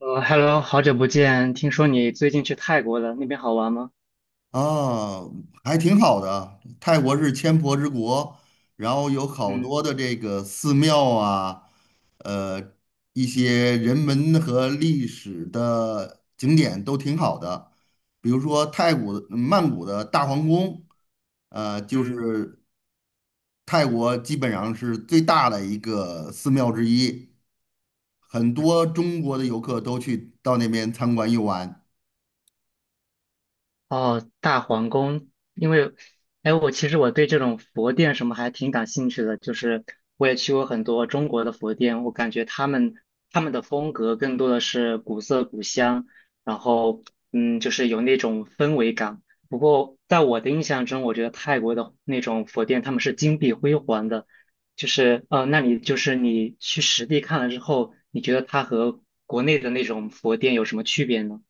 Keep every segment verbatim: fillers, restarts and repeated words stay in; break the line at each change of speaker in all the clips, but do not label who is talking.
呃，Hello，好久不见，听说你最近去泰国了，那边好玩吗？
啊，还挺好的。泰国是千佛之国，然后有好
嗯
多的这个寺庙啊，呃，一些人文和历史的景点都挺好的。比如说泰国曼谷的大皇宫，呃，就
嗯。
是泰国基本上是最大的一个寺庙之一，很多中国的游客都去到那边参观游玩。
哦，大皇宫。因为，哎，我其实我对这种佛殿什么还挺感兴趣的。就是我也去过很多中国的佛殿，我感觉他们他们的风格更多的是古色古香，然后嗯，就是有那种氛围感。不过在我的印象中，我觉得泰国的那种佛殿他们是金碧辉煌的。就是呃，那你就是你去实地看了之后，你觉得它和国内的那种佛殿有什么区别呢？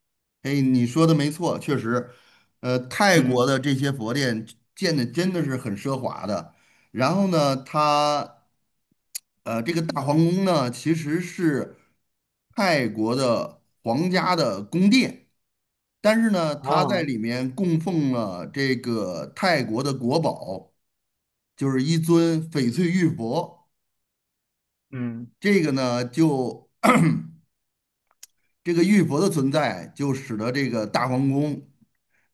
哎，你说的没错，确实，呃，泰国
嗯
的这些佛殿建的真的是很奢华的。然后呢，它，呃，这个大皇宫呢，其实是泰国的皇家的宫殿，但是呢，它在
哦，
里面供奉了这个泰国的国宝，就是一尊翡翠玉佛。
嗯，
这个呢，就这个玉佛的存在，就使得这个大皇宫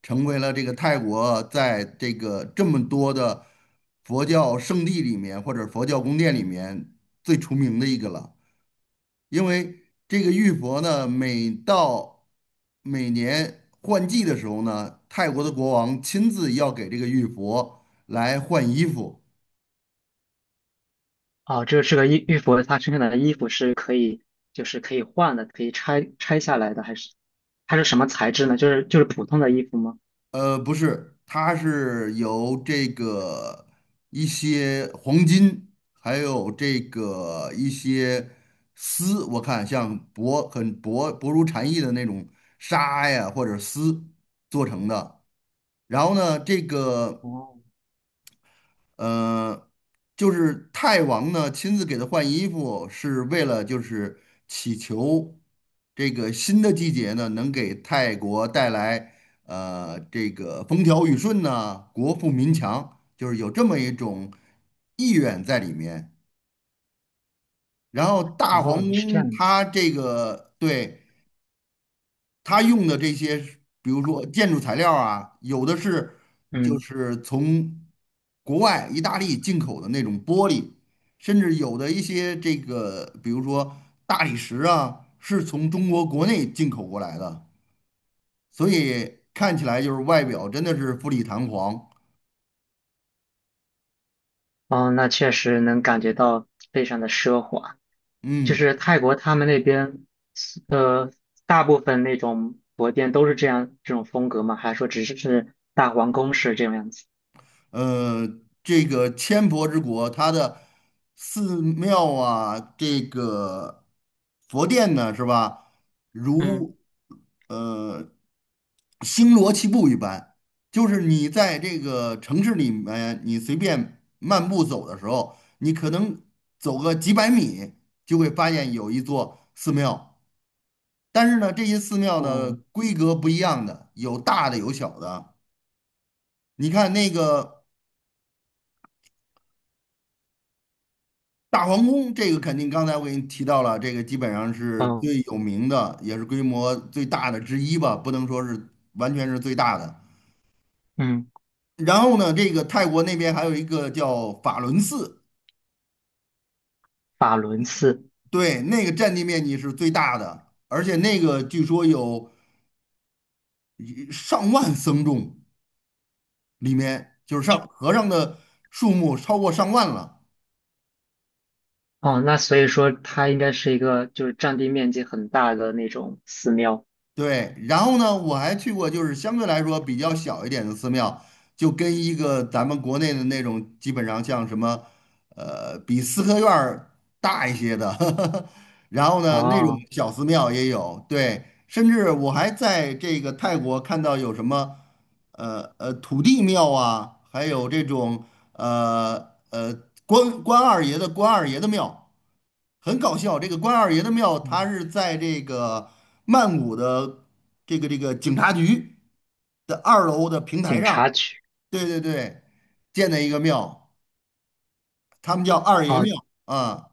成为了这个泰国在这个这么多的佛教圣地里面，或者佛教宫殿里面最出名的一个了。因为这个玉佛呢，每到每年换季的时候呢，泰国的国王亲自要给这个玉佛来换衣服。
哦，这是这个玉玉佛，它身上的衣服是可以，就是可以换的，可以拆拆下来的，还是它是什么材质呢？就是就是普通的衣服吗？
呃，不是，它是由这个一些黄金，还有这个一些丝，我看像薄很薄薄如蝉翼的那种纱呀，或者丝做成的。然后呢，这个。
哦，
呃，就是泰王呢亲自给他换衣服，是为了就是祈求这个新的季节呢能给泰国带来呃这个风调雨顺呐、国富民强，就是有这么一种意愿在里面。然后大皇
哦，是这
宫
样子。
它这个对。他用的这些，比如说建筑材料啊，有的是就
嗯，
是从国外意大利进口的那种玻璃，甚至有的一些这个，比如说大理石啊，是从中国国内进口过来的，所以看起来就是外表真的是富丽堂皇，
哦，那确实能感觉到非常的奢华。就
嗯。
是泰国他们那边，呃，大部分那种佛殿都是这样这种风格吗？还是说只是是大皇宫式这种样子？
呃，这个千佛之国，它的寺庙啊，这个佛殿呢，是吧？
嗯
如呃星罗棋布一般，就是你在这个城市里面，你随便漫步走的时候，你可能走个几百米，就会发现有一座寺庙。但是呢，这些寺庙呢，
哦，
规格不一样的，有大的有小的。你看那个。大皇宫这个肯定刚才我给你提到了，这个基本上是
嗯
最有名的，也是规模最大的之一吧，不能说是完全是最大的。
嗯，
然后呢，这个泰国那边还有一个叫法伦寺，
法轮寺。
对，那个占地面积是最大的，而且那个据说有一上万僧众，里面就是上和尚的数目超过上万了。
哦，那所以说它应该是一个就是占地面积很大的那种寺庙。
对，然后呢，我还去过就是相对来说比较小一点的寺庙，就跟一个咱们国内的那种基本上像什么，呃，比四合院儿大一些的，然后呢，那种
哦，
小寺庙也有，对，甚至我还在这个泰国看到有什么，呃呃土地庙啊，还有这种呃呃关关二爷的关二爷的庙。很搞笑。这个关二爷的庙，它
嗯
是在这个曼谷的这个这个警察局的二楼的平
警
台上，
察局。
对对对，建的一个庙，他们叫二爷
哦，
庙啊。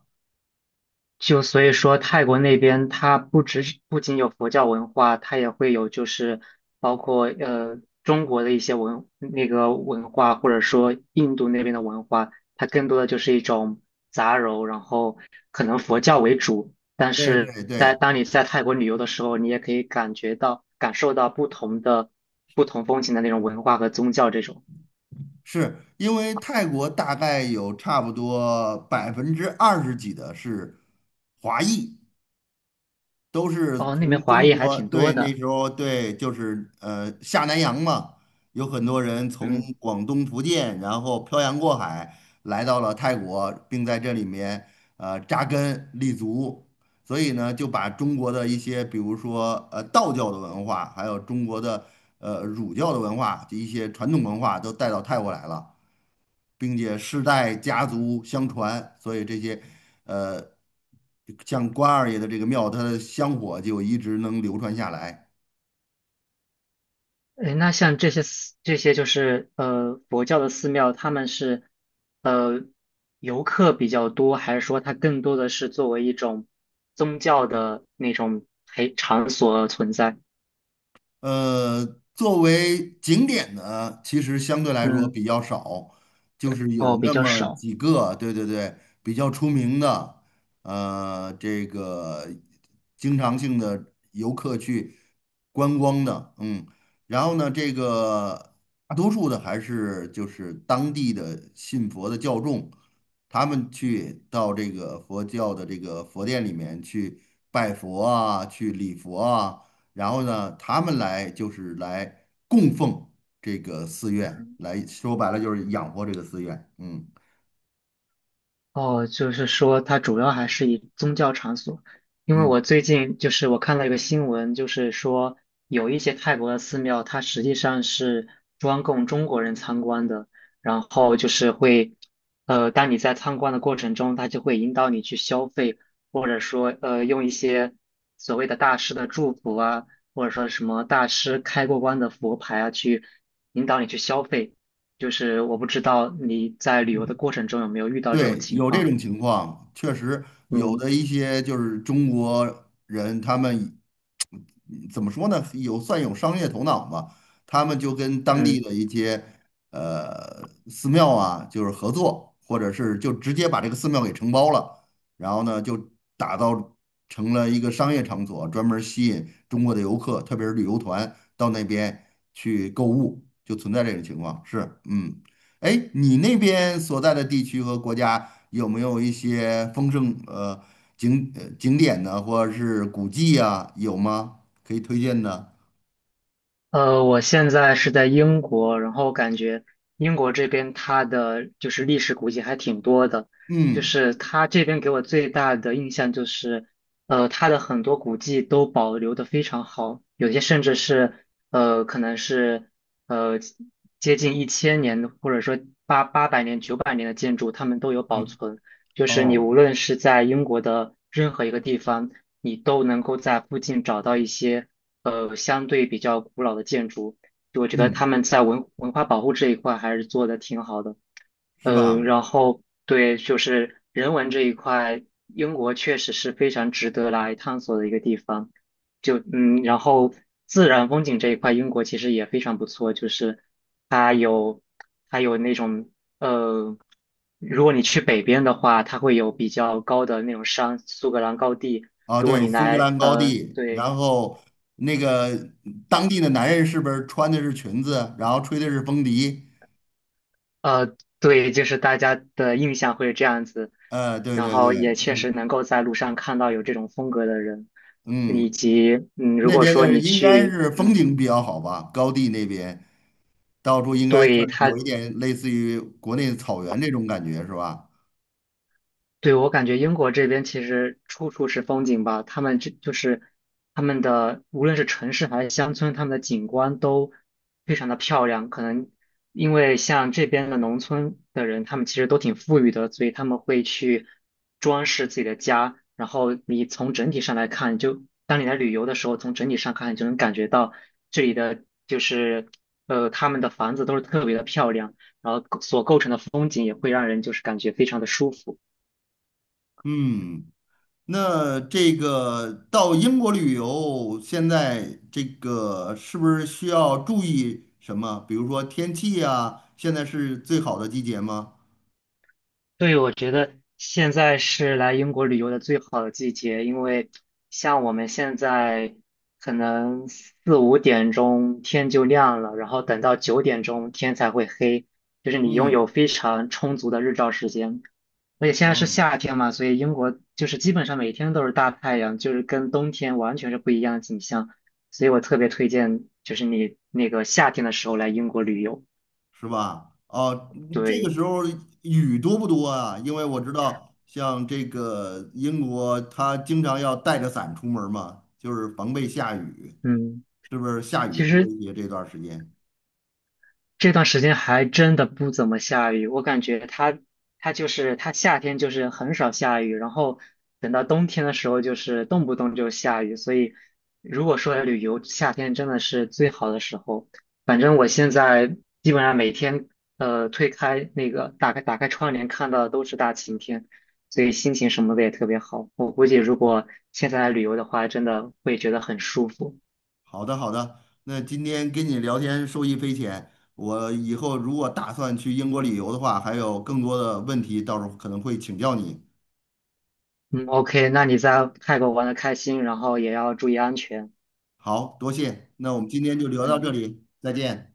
就所以说，泰国那边它不只是不仅有佛教文化，它也会有就是包括呃中国的一些文那个文化，或者说印度那边的文化。它更多的就是一种杂糅，然后可能佛教为主，但
对
是
对
在
对，
当你在泰国旅游的时候，你也可以感觉到感受到不同的不同风情的那种文化和宗教这种。
是因为泰国大概有差不多百分之二十几的是华裔，都是
哦，那
从
边
中
华裔还
国，
挺
对，
多
那
的，
时候对，就是呃下南洋嘛，有很多人从
嗯。
广东、福建，然后漂洋过海来到了泰国，并在这里面呃扎根立足，所以呢，就把中国的一些，比如说呃道教的文化，还有中国的呃儒教的文化，一些传统文化都带到泰国来了。并且世代家族相传，所以这些呃，像关二爷的这个庙，它的香火就一直能流传下来。
哎，那像这些寺这些就是呃佛教的寺庙，他们是呃游客比较多，还是说它更多的是作为一种宗教的那种陪场所存在？
呃，作为景点呢，其实相对来说比
嗯，
较少，就是有
哦，比
那
较
么
少。
几个，对对对，比较出名的，呃，这个经常性的游客去观光的，嗯，然后呢，这个大多数的还是就是当地的信佛的教众，他们去到这个佛教的这个佛殿里面去拜佛啊，去礼佛啊。然后呢，他们来就是来供奉这个寺院，来说白了就是养活这个寺院。嗯
哦，就是说它主要还是以宗教场所。因为
嗯。
我最近就是我看了一个新闻，就是说有一些泰国的寺庙，它实际上是专供中国人参观的，然后就是会，呃，当你在参观的过程中，它就会引导你去消费，或者说呃用一些所谓的大师的祝福啊，或者说什么大师开过光的佛牌啊，去引导你去消费。就是我不知道你在旅游
嗯。
的过程中有没有遇到这种
对，
情
有这
况。
种情况，确实有
嗯
的一些就是中国人，他们嗯怎么说呢，有算有商业头脑嘛，他们就跟当地
嗯。
的一些呃寺庙啊，就是合作，或者是就直接把这个寺庙给承包了，然后呢就打造成了一个商业场所，专门儿吸引中国的游客，特别是旅游团到那边去购物，就存在这种情况，是，嗯。哎，你那边所在的地区和国家有没有一些丰盛呃景呃景点呢，或者是古迹啊，有吗？可以推荐的？
呃，我现在是在英国，然后感觉英国这边它的就是历史古迹还挺多的。就
嗯
是它这边给我最大的印象就是，呃，它的很多古迹都保留的非常好，有些甚至是呃，可能是呃接近一千年的，或者说八八百年、九百年的建筑，它们都有保
嗯，
存。就是你
哦，
无论是在英国的任何一个地方，你都能够在附近找到一些。呃相对比较古老的建筑，就我觉得他
嗯，
们在文文化保护这一块还是做的挺好的。
是
呃，
吧？
然后对，就是人文这一块，英国确实是非常值得来探索的一个地方。就嗯，然后自然风景这一块，英国其实也非常不错，就是它有它有那种呃，如果你去北边的话，它会有比较高的那种山，苏格兰高地。
啊，
如果
对，
你
苏格
来
兰高
呃，
地，
对，
然后那个当地的男人是不是穿的是裙子，然后吹的是风笛？
呃，对，就是大家的印象会这样子，
呃，对
然
对对，
后也确
嗯
实能够在路上看到有这种风格的人。以
嗯，
及嗯，如
那
果
边
说
的
你
应该
去，
是风
嗯，
景比较好吧，高地那边。到处应该
对，
算是有
他
一点类似于国内的草原这种感觉，是吧？
对，我感觉英国这边其实处处是风景吧。他们这就是他们的无论是城市还是乡村，他们的景观都非常的漂亮。可能因为像这边的农村的人，他们其实都挺富裕的，所以他们会去装饰自己的家。然后你从整体上来看，就当你来旅游的时候，从整体上看，你就能感觉到这里的就是呃他们的房子都是特别的漂亮，然后所构成的风景也会让人就是感觉非常的舒服。
嗯，那这个到英国旅游，现在这个是不是需要注意什么？比如说天气啊，现在是最好的季节吗？
对，我觉得现在是来英国旅游的最好的季节。因为像我们现在可能四五点钟天就亮了，然后等到九点钟天才会黑，就是你拥
嗯
有非常充足的日照时间。而且现在是
嗯，
夏天嘛，所以英国就是基本上每天都是大太阳，就是跟冬天完全是不一样的景象。所以我特别推荐，就是你那个夏天的时候来英国旅游。
是吧？哦，这个
对，
时候雨多不多啊？因为我知道，像这个英国，它经常要带着伞出门嘛，就是防备下雨。
嗯。
是不是下雨
其
多
实
一些这段时间？
这段时间还真的不怎么下雨。我感觉它它就是它夏天就是很少下雨，然后等到冬天的时候就是动不动就下雨，所以如果说旅游，夏天真的是最好的时候。反正我现在基本上每天呃推开那个打开打开窗帘看到的都是大晴天，所以心情什么的也特别好。我估计如果现在来旅游的话，真的会觉得很舒服。
好的，好的，那今天跟你聊天受益匪浅，我以后如果打算去英国旅游的话，还有更多的问题，到时候可能会请教你。
嗯，OK，那你在泰国玩的开心，然后也要注意安全。
好，多谢，那我们今天就聊到
嗯
这里，再见。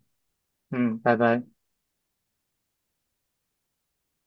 嗯，拜拜。